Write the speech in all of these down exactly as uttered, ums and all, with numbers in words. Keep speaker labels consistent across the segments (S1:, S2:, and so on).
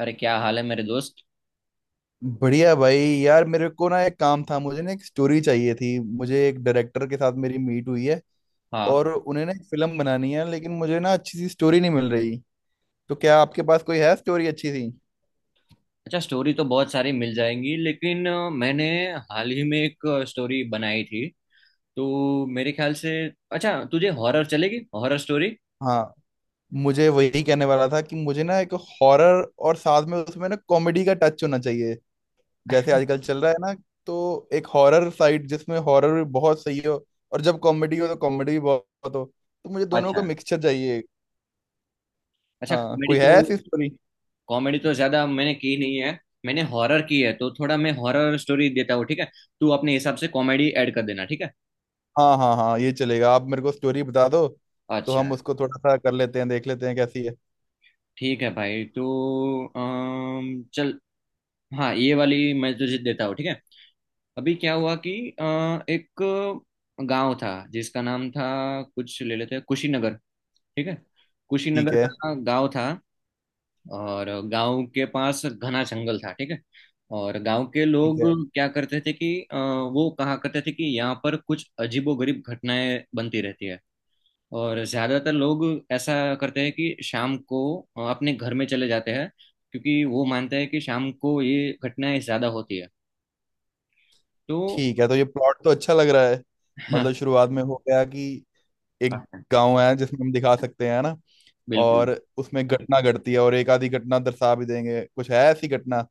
S1: अरे क्या हाल है मेरे दोस्त।
S2: बढ़िया भाई, यार मेरे को ना एक काम था। मुझे ना एक स्टोरी चाहिए थी। मुझे एक डायरेक्टर के साथ मेरी मीट हुई है,
S1: हाँ।
S2: और उन्हें ना एक फिल्म बनानी है, लेकिन मुझे ना अच्छी सी स्टोरी नहीं मिल रही। तो क्या आपके पास कोई है स्टोरी अच्छी सी?
S1: अच्छा, स्टोरी तो बहुत सारी मिल जाएंगी, लेकिन अ, मैंने हाल ही में एक स्टोरी बनाई थी, तो मेरे ख्याल से। अच्छा, तुझे हॉरर चलेगी? Horror story?
S2: हाँ, मुझे वही कहने वाला था कि मुझे ना एक हॉरर और साथ में उसमें ना कॉमेडी का टच होना चाहिए। जैसे आजकल चल रहा है ना। तो एक हॉरर साइड जिसमें हॉरर भी बहुत सही हो, और जब कॉमेडी हो तो कॉमेडी भी बहुत हो। तो मुझे दोनों का
S1: अच्छा।
S2: मिक्सचर चाहिए।
S1: अच्छा,
S2: हाँ,
S1: कॉमेडी
S2: कोई है
S1: तो
S2: ऐसी स्टोरी?
S1: कॉमेडी तो ज्यादा मैंने की नहीं है। मैंने हॉरर की है, तो थोड़ा मैं हॉरर स्टोरी देता हूँ, ठीक है? तू अपने हिसाब से कॉमेडी ऐड कर देना, ठीक है?
S2: हाँ हाँ हाँ, ये चलेगा। आप मेरे को स्टोरी बता दो। तो
S1: अच्छा।
S2: हम उसको थोड़ा सा कर लेते हैं, देख लेते हैं कैसी है।
S1: ठीक है भाई, तो अम, चल, हाँ ये वाली मैं तुझे देता हूँ, ठीक है? अभी क्या हुआ कि अ, एक गांव था जिसका नाम था, कुछ ले लेते हैं, कुशीनगर। ठीक है?
S2: ठीक
S1: कुशीनगर
S2: है।
S1: का गांव था, और गांव के पास घना जंगल था, ठीक है? और गांव के
S2: ठीक
S1: लोग
S2: है।
S1: क्या करते थे कि अ, वो कहा करते थे कि यहाँ पर कुछ अजीबोगरीब घटनाएं बनती रहती है। और ज्यादातर लोग ऐसा करते हैं कि शाम को अ, अपने घर में चले जाते हैं, क्योंकि वो मानते हैं कि शाम को ये घटनाएं ज्यादा होती है, तो।
S2: ठीक है, तो ये प्लॉट तो अच्छा लग रहा है।
S1: हाँ।
S2: मतलब शुरुआत में हो गया कि एक
S1: हाँ, हाँ,
S2: गांव है जिसमें हम दिखा सकते हैं ना।
S1: बिल्कुल।
S2: और उसमें घटना घटती है, और एक आधी घटना दर्शा भी देंगे, कुछ है ऐसी घटना।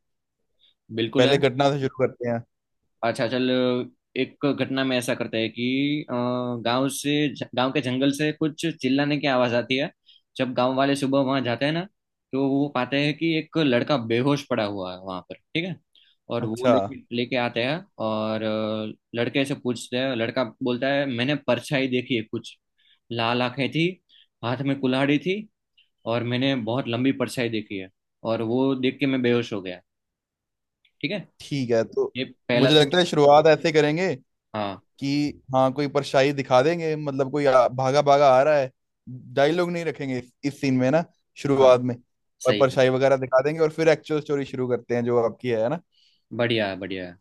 S1: बिल्कुल है।
S2: पहले घटना से शुरू करते हैं।
S1: अच्छा चल, एक घटना में ऐसा करते हैं कि अ, गांव से गांव के जंगल से कुछ चिल्लाने की आवाज आती है। जब गांव वाले सुबह वहां जाते हैं ना, तो वो पाते हैं कि एक लड़का बेहोश पड़ा हुआ है वहां पर, ठीक है? और वो
S2: अच्छा।
S1: लेके लेके आते हैं, और अ, लड़के से पूछते हैं। लड़का बोलता है, मैंने परछाई देखी है कुछ, लाल आंखें थी, हाथ में कुल्हाड़ी थी, और मैंने बहुत लंबी परछाई देखी है, और वो देख के मैं बेहोश हो गया। ठीक है?
S2: ठीक है, तो
S1: ये पहला
S2: मुझे
S1: सीन।
S2: लगता है शुरुआत ऐसे करेंगे
S1: हाँ।
S2: कि हाँ कोई परछाई दिखा देंगे, मतलब कोई आ, भागा भागा आ रहा है। डायलॉग नहीं रखेंगे इस, इस सीन में ना,
S1: हाँ,
S2: शुरुआत में। और
S1: सही है।
S2: परछाई वगैरह दिखा देंगे, और फिर एक्चुअल स्टोरी शुरू करते हैं जो आपकी है ना।
S1: बढ़िया है, बढ़िया है।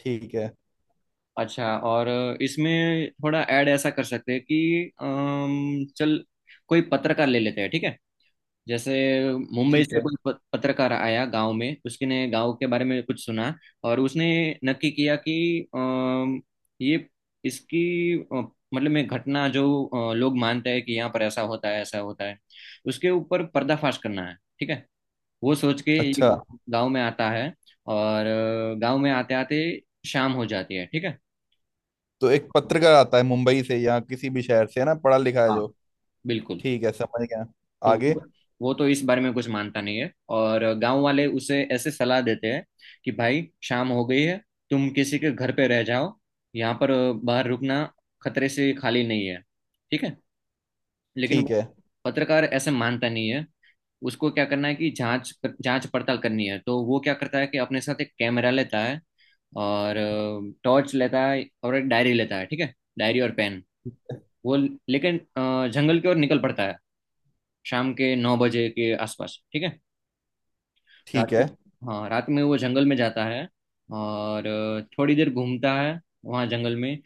S2: ठीक है।
S1: अच्छा, और इसमें थोड़ा ऐड ऐसा कर सकते हैं कि अम, चल, कोई पत्रकार ले लेते हैं, ठीक है? जैसे मुंबई
S2: ठीक
S1: से
S2: है।
S1: कोई प- पत्रकार आया गांव में, उसने गांव के बारे में कुछ सुना। और उसने नक्की किया कि अम, ये इसकी अ, मतलब में घटना जो, अ, लोग मानते हैं कि यहाँ पर ऐसा होता है ऐसा होता है, उसके ऊपर पर्दाफाश करना है, ठीक है? वो सोच के ये
S2: अच्छा,
S1: गांव गांव में आता है। और गांव में आते आते शाम हो जाती है, ठीक है?
S2: तो एक पत्रकार आता है मुंबई से या किसी भी शहर से, है ना, पढ़ा लिखा है
S1: हाँ,
S2: जो।
S1: बिल्कुल।
S2: ठीक है, समझ गया।
S1: तो
S2: आगे।
S1: वो वो तो इस बारे में कुछ मानता नहीं है, और गांव वाले उसे ऐसे सलाह देते हैं कि भाई, शाम हो गई है, तुम किसी के घर पे रह जाओ, यहाँ पर बाहर रुकना खतरे से खाली नहीं है, ठीक है? लेकिन
S2: ठीक
S1: वो
S2: है।
S1: पत्रकार ऐसे मानता नहीं है। उसको क्या करना है कि जांच जांच पड़ताल करनी है। तो वो क्या करता है कि अपने साथ एक कैमरा लेता है, और टॉर्च लेता है, और एक डायरी लेता है, ठीक है? डायरी और पेन वो लेकिन, अ, जंगल की ओर निकल पड़ता है, शाम के नौ बजे के आसपास, ठीक है?
S2: ठीक
S1: रात
S2: है।
S1: के। हाँ, रात में वो जंगल में जाता है, और अ, थोड़ी देर घूमता है वहाँ जंगल में।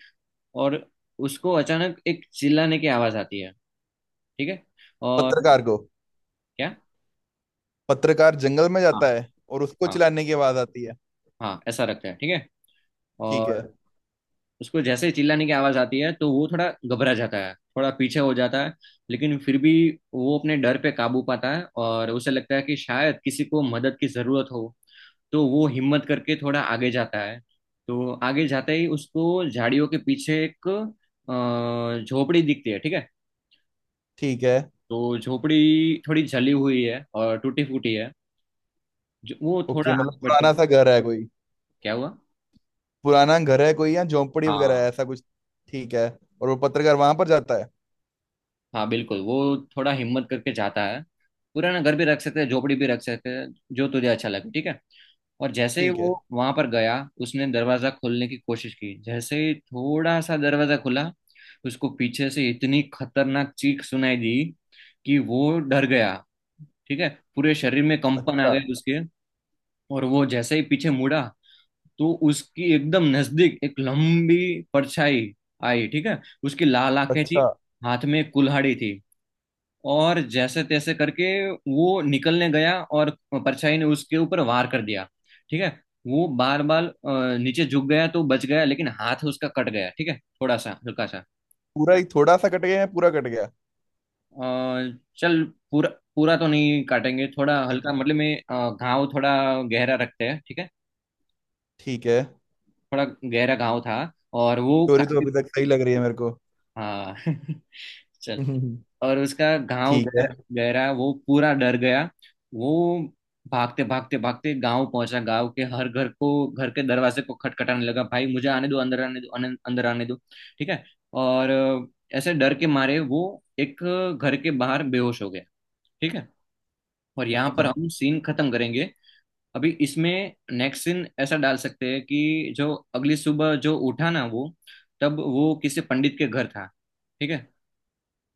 S1: और उसको अचानक एक चिल्लाने की आवाज़ आती है, ठीक है? और।
S2: पत्रकार को
S1: क्या?
S2: पत्रकार जंगल में
S1: हाँ,
S2: जाता है और उसको
S1: हाँ,
S2: चिल्लाने की आवाज आती है।
S1: हाँ, ऐसा रखता है, ठीक है?
S2: ठीक है।
S1: और उसको जैसे ही चिल्लाने की आवाज आती है, तो वो थोड़ा घबरा जाता है, थोड़ा पीछे हो जाता है। लेकिन फिर भी वो अपने डर पे काबू पाता है, और उसे लगता है कि शायद किसी को मदद की जरूरत हो। तो वो हिम्मत करके थोड़ा आगे जाता है। तो आगे जाते ही उसको झाड़ियों के पीछे एक अ, झोपड़ी दिखती है, ठीक है?
S2: ठीक है।
S1: तो झोपड़ी थोड़ी जली हुई है और टूटी फूटी है। जो वो थोड़ा
S2: ओके,
S1: आगे
S2: मतलब
S1: बढ़ता
S2: पुराना
S1: है।
S2: सा घर है कोई।
S1: क्या हुआ?
S2: पुराना घर है कोई, या झोंपड़ी वगैरह है
S1: हाँ,
S2: ऐसा कुछ? ठीक है। और वो पत्रकार वहां पर जाता है।
S1: हाँ बिल्कुल, वो थोड़ा हिम्मत करके जाता है। पुराना घर भी रख सकते हैं, झोपड़ी भी रख सकते हैं, जो तुझे अच्छा लगे, ठीक है? और जैसे ही
S2: ठीक है।
S1: वो वहां पर गया, उसने दरवाजा खोलने की कोशिश की। जैसे ही थोड़ा सा दरवाजा खुला, उसको पीछे से इतनी खतरनाक चीख सुनाई दी कि वो डर गया, ठीक है? पूरे शरीर में कंपन आ
S2: अच्छा।
S1: गए उसके। और वो जैसे ही पीछे मुड़ा, तो उसकी एकदम नजदीक एक लंबी परछाई आई, ठीक है? उसकी लाल आंखें थी,
S2: अच्छा।
S1: हाथ में एक कुल्हाड़ी थी। और जैसे तैसे करके वो निकलने गया, और परछाई ने उसके ऊपर वार कर दिया, ठीक है? वो बार बार अ, नीचे झुक गया तो बच गया, लेकिन हाथ उसका कट गया, ठीक है? थोड़ा सा, हल्का सा।
S2: पूरा ही थोड़ा सा कट गया, या पूरा कट गया?
S1: अ, चल, पूरा, पूरा तो नहीं काटेंगे, थोड़ा
S2: ठीक
S1: हल्का,
S2: है।
S1: मतलब में अ, घाव थोड़ा गहरा रखते हैं, ठीक है?
S2: ठीक है।
S1: थोड़ा गहरा घाव था। और वो
S2: स्टोरी तो अभी
S1: काफी।
S2: तक सही लग रही है मेरे को।
S1: हाँ चल, और उसका घाव
S2: ठीक है।
S1: गहरा गहरा, वो पूरा डर गया। वो भागते भागते भागते गांव पहुंचा, गांव के हर घर को, घर के दरवाजे को खटखटाने लगा, भाई मुझे आने दो, अंदर आने दो, अन- अंदर आने दो, ठीक है? और अ, ऐसे डर के मारे वो एक घर के बाहर बेहोश हो गया, ठीक है? और यहाँ पर
S2: अच्छा।
S1: हम सीन खत्म करेंगे। अभी इसमें नेक्स्ट सीन ऐसा डाल सकते हैं कि जो अगली सुबह जो उठा ना वो, तब वो किसी पंडित के घर था, ठीक है?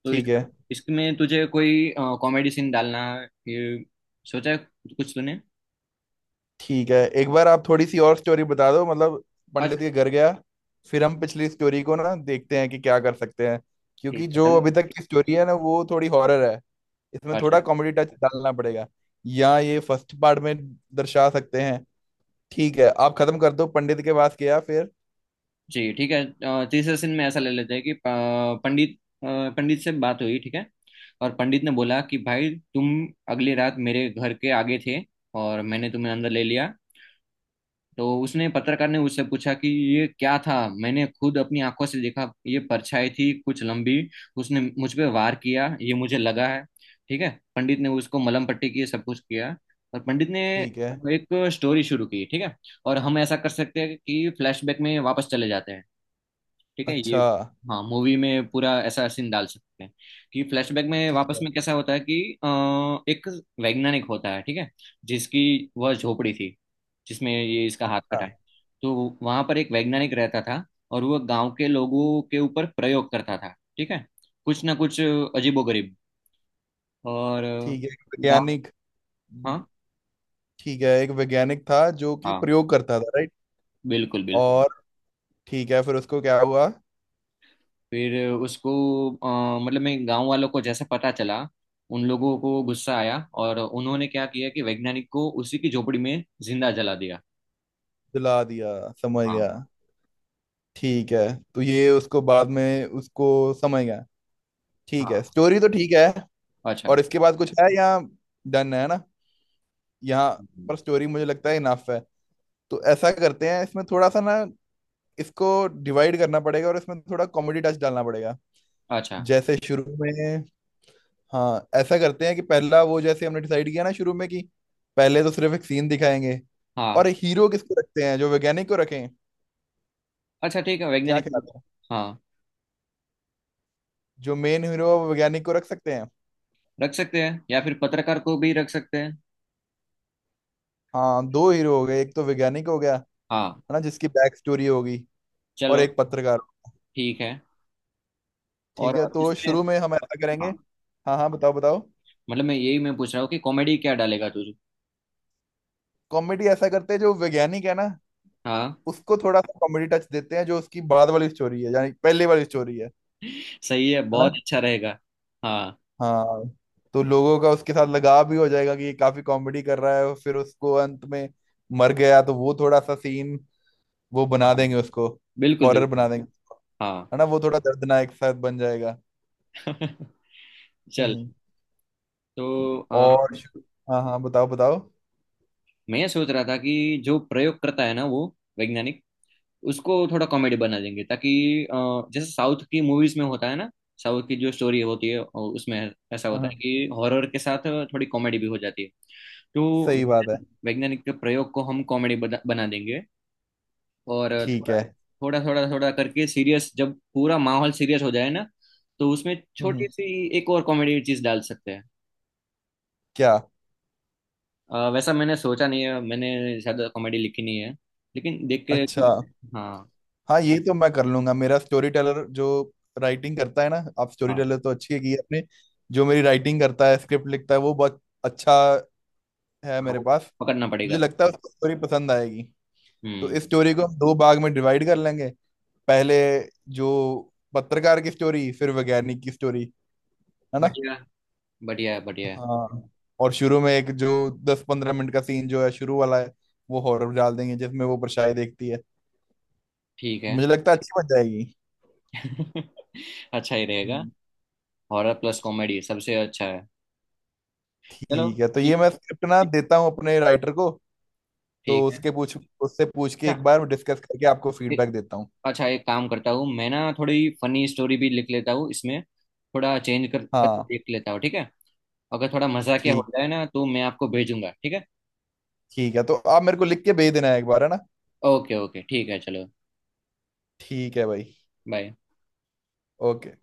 S1: तो इस
S2: ठीक है।
S1: इसमें तुझे कोई कॉमेडी सीन डालना, ये सोचा है कुछ तूने?
S2: ठीक है, एक बार आप थोड़ी सी और स्टोरी बता दो, मतलब पंडित
S1: अच्छा।
S2: के घर गया फिर। हम पिछली स्टोरी को ना देखते हैं कि क्या कर सकते हैं। क्योंकि
S1: ठीक है
S2: जो
S1: चलो।
S2: अभी तक की स्टोरी है ना, वो थोड़ी हॉरर है। इसमें
S1: अच्छा।
S2: थोड़ा कॉमेडी टच डालना पड़ेगा। या ये फर्स्ट पार्ट में दर्शा सकते हैं। ठीक है, आप खत्म कर दो, पंडित के पास गया फिर।
S1: जी ठीक है। अ, तीसरे सीन में ऐसा ले लेते हैं कि अ, पंडित अ, पंडित से बात हुई, ठीक है? और पंडित ने बोला कि भाई, तुम अगली रात मेरे घर के आगे थे, और मैंने तुम्हें अंदर ले लिया। तो उसने पत्रकार ने उससे पूछा कि ये क्या था, मैंने खुद अपनी आंखों से देखा, ये परछाई थी कुछ लंबी, उसने मुझ पे वार किया, ये मुझे लगा है, ठीक है? पंडित ने उसको मलहम पट्टी की, सब कुछ किया। और पंडित ने
S2: ठीक है।
S1: एक स्टोरी शुरू की, ठीक है? और हम ऐसा कर सकते हैं कि फ्लैशबैक में वापस चले जाते हैं, ठीक है? ये,
S2: अच्छा।
S1: हाँ, मूवी में पूरा ऐसा सीन डाल सकते हैं कि फ्लैशबैक में
S2: ठीक
S1: वापस
S2: है।
S1: में कैसा होता है कि अ, एक वैज्ञानिक होता है, ठीक है? जिसकी वह झोपड़ी थी जिसमें ये इसका हाथ
S2: अच्छा।
S1: कटा है। तो वहां पर एक वैज्ञानिक रहता था, और वह गांव के लोगों के ऊपर प्रयोग करता था, ठीक है? कुछ ना कुछ अजीबोगरीब। और अ,
S2: ठीक है, एक
S1: गाँव।
S2: वैज्ञानिक।
S1: हाँ,
S2: ठीक है, एक वैज्ञानिक था जो कि
S1: हाँ,
S2: प्रयोग करता था, राइट।
S1: बिल्कुल बिल्कुल।
S2: और ठीक है, फिर उसको क्या हुआ?
S1: फिर उसको, अ, मतलब मैं, गांव वालों को जैसे पता चला, उन लोगों को गुस्सा आया, और उन्होंने क्या किया कि वैज्ञानिक को उसी की झोपड़ी में जिंदा जला दिया।
S2: जला दिया, समझ गया।
S1: हाँ।
S2: ठीक है। तो ये उसको बाद में उसको समझ गया। ठीक है,
S1: हाँ।
S2: स्टोरी तो ठीक है।
S1: अच्छा।
S2: और इसके बाद कुछ है, या डन है ना यहाँ पर?
S1: हम्म,
S2: स्टोरी मुझे लगता है इनफ है। तो ऐसा करते हैं, इसमें थोड़ा सा ना इसको डिवाइड करना पड़ेगा, और इसमें थोड़ा कॉमेडी टच डालना पड़ेगा।
S1: अच्छा।
S2: जैसे शुरू में, हाँ ऐसा करते हैं कि पहला वो जैसे हमने डिसाइड किया ना, शुरू में कि पहले तो सिर्फ एक सीन दिखाएंगे।
S1: हाँ।
S2: और हीरो किसको रखते हैं? जो वैज्ञानिक को रखें,
S1: अच्छा, ठीक है,
S2: क्या
S1: वैज्ञानिक।
S2: ख्याल है?
S1: हाँ,
S2: जो मेन हीरो है वो वैज्ञानिक को रख सकते हैं।
S1: रख सकते हैं, या फिर पत्रकार को भी रख सकते हैं।
S2: हाँ, दो हीरो हो गए, एक तो वैज्ञानिक हो गया है
S1: हाँ।
S2: ना, जिसकी बैक स्टोरी होगी, और
S1: चलो,
S2: एक पत्रकार।
S1: ठीक है।
S2: ठीक
S1: और
S2: है, तो
S1: इसमें,
S2: शुरू में हम ऐसा करेंगे।
S1: हाँ,
S2: हाँ हाँ, बताओ बताओ।
S1: मतलब मैं यही मैं पूछ रहा हूँ कि कॉमेडी क्या डालेगा तू।
S2: कॉमेडी ऐसा करते हैं, जो वैज्ञानिक है ना
S1: हाँ
S2: उसको थोड़ा सा कॉमेडी टच देते हैं, जो उसकी बाद वाली स्टोरी है यानी पहले वाली स्टोरी है।
S1: सही है,
S2: है ना?
S1: बहुत अच्छा रहेगा। हाँ।
S2: हाँ। तो लोगों का उसके साथ लगाव भी हो जाएगा कि ये काफी कॉमेडी कर रहा है, और फिर उसको अंत में मर गया तो वो थोड़ा सा सीन वो बना
S1: हाँ,
S2: देंगे, उसको
S1: बिल्कुल
S2: हॉरर
S1: बिल्कुल।
S2: बना देंगे,
S1: हाँ
S2: है ना, वो थोड़ा दर्दनाक साथ बन जाएगा।
S1: चल,
S2: हम्म।
S1: तो अ,
S2: और शु- हाँ हाँ, बताओ बताओ।
S1: मैं ये सोच रहा था कि जो प्रयोग करता है ना वो वैज्ञानिक, उसको थोड़ा कॉमेडी बना देंगे, ताकि अ, जैसे साउथ की मूवीज में होता है ना, साउथ की जो स्टोरी होती है अ, उसमें ऐसा होता
S2: हाँ,
S1: है कि हॉरर के साथ थोड़ी कॉमेडी भी हो जाती है, तो
S2: सही बात है।
S1: वैज्ञानिक के प्रयोग को हम कॉमेडी बना बना देंगे। और
S2: ठीक है।
S1: थोड़ा थोड़ा थोड़ा थोड़ा करके सीरियस, जब पूरा माहौल सीरियस हो जाए ना, तो उसमें
S2: हम्म।
S1: छोटी सी एक और कॉमेडी चीज डाल सकते हैं।
S2: क्या?
S1: अ, वैसा मैंने सोचा नहीं है, मैंने शायद कॉमेडी लिखी नहीं है, लेकिन देख के
S2: अच्छा।
S1: कुछ। हाँ।
S2: हाँ, ये तो मैं कर लूंगा। मेरा स्टोरी टेलर जो राइटिंग करता है ना, आप स्टोरी
S1: हाँ,
S2: टेलर तो अच्छी है की आपने, जो मेरी राइटिंग करता है, स्क्रिप्ट लिखता है, वो बहुत अच्छा है
S1: हाँ,
S2: मेरे
S1: वो
S2: पास।
S1: पकड़ना
S2: मुझे
S1: पड़ेगा।
S2: लगता है उसको स्टोरी पसंद आएगी। तो इस
S1: हम्म
S2: स्टोरी को हम दो भाग में डिवाइड कर लेंगे, पहले जो पत्रकार की स्टोरी, फिर वैज्ञानिक की स्टोरी, है ना?
S1: बढ़िया, बढ़िया, बढ़िया।
S2: हाँ। और शुरू में एक जो दस पंद्रह मिनट का सीन जो है शुरू वाला है, वो हॉरर डाल देंगे जिसमें वो परछाई देखती है।
S1: ठीक
S2: तो
S1: है
S2: मुझे लगता है अच्छी बन जाएगी।
S1: अच्छा ही रहेगा।
S2: हम्म,
S1: हॉरर प्लस कॉमेडी सबसे अच्छा है। चलो
S2: ठीक है, तो
S1: ठीक
S2: ये
S1: है।
S2: मैं स्क्रिप्ट ना देता हूँ अपने राइटर को। तो
S1: ठीक है।
S2: उसके पूछ उससे पूछ के
S1: अच्छा।
S2: एक बार डिस्कस करके आपको
S1: एक
S2: फीडबैक देता हूँ।
S1: अच्छा, एक काम करता हूँ, मैं ना थोड़ी फनी स्टोरी भी लिख लेता हूँ इसमें, थोड़ा चेंज कर कर
S2: हाँ,
S1: देख लेता हूँ, ठीक है? अगर थोड़ा मजाकिया हो
S2: ठीक।
S1: जाए ना, तो मैं आपको भेजूंगा, ठीक है?
S2: ठीक है, तो आप मेरे को लिख के भेज देना है, एक बार, है ना?
S1: ओके, ओके, ठीक है, चलो।
S2: ठीक है भाई।
S1: बाय।
S2: ओके।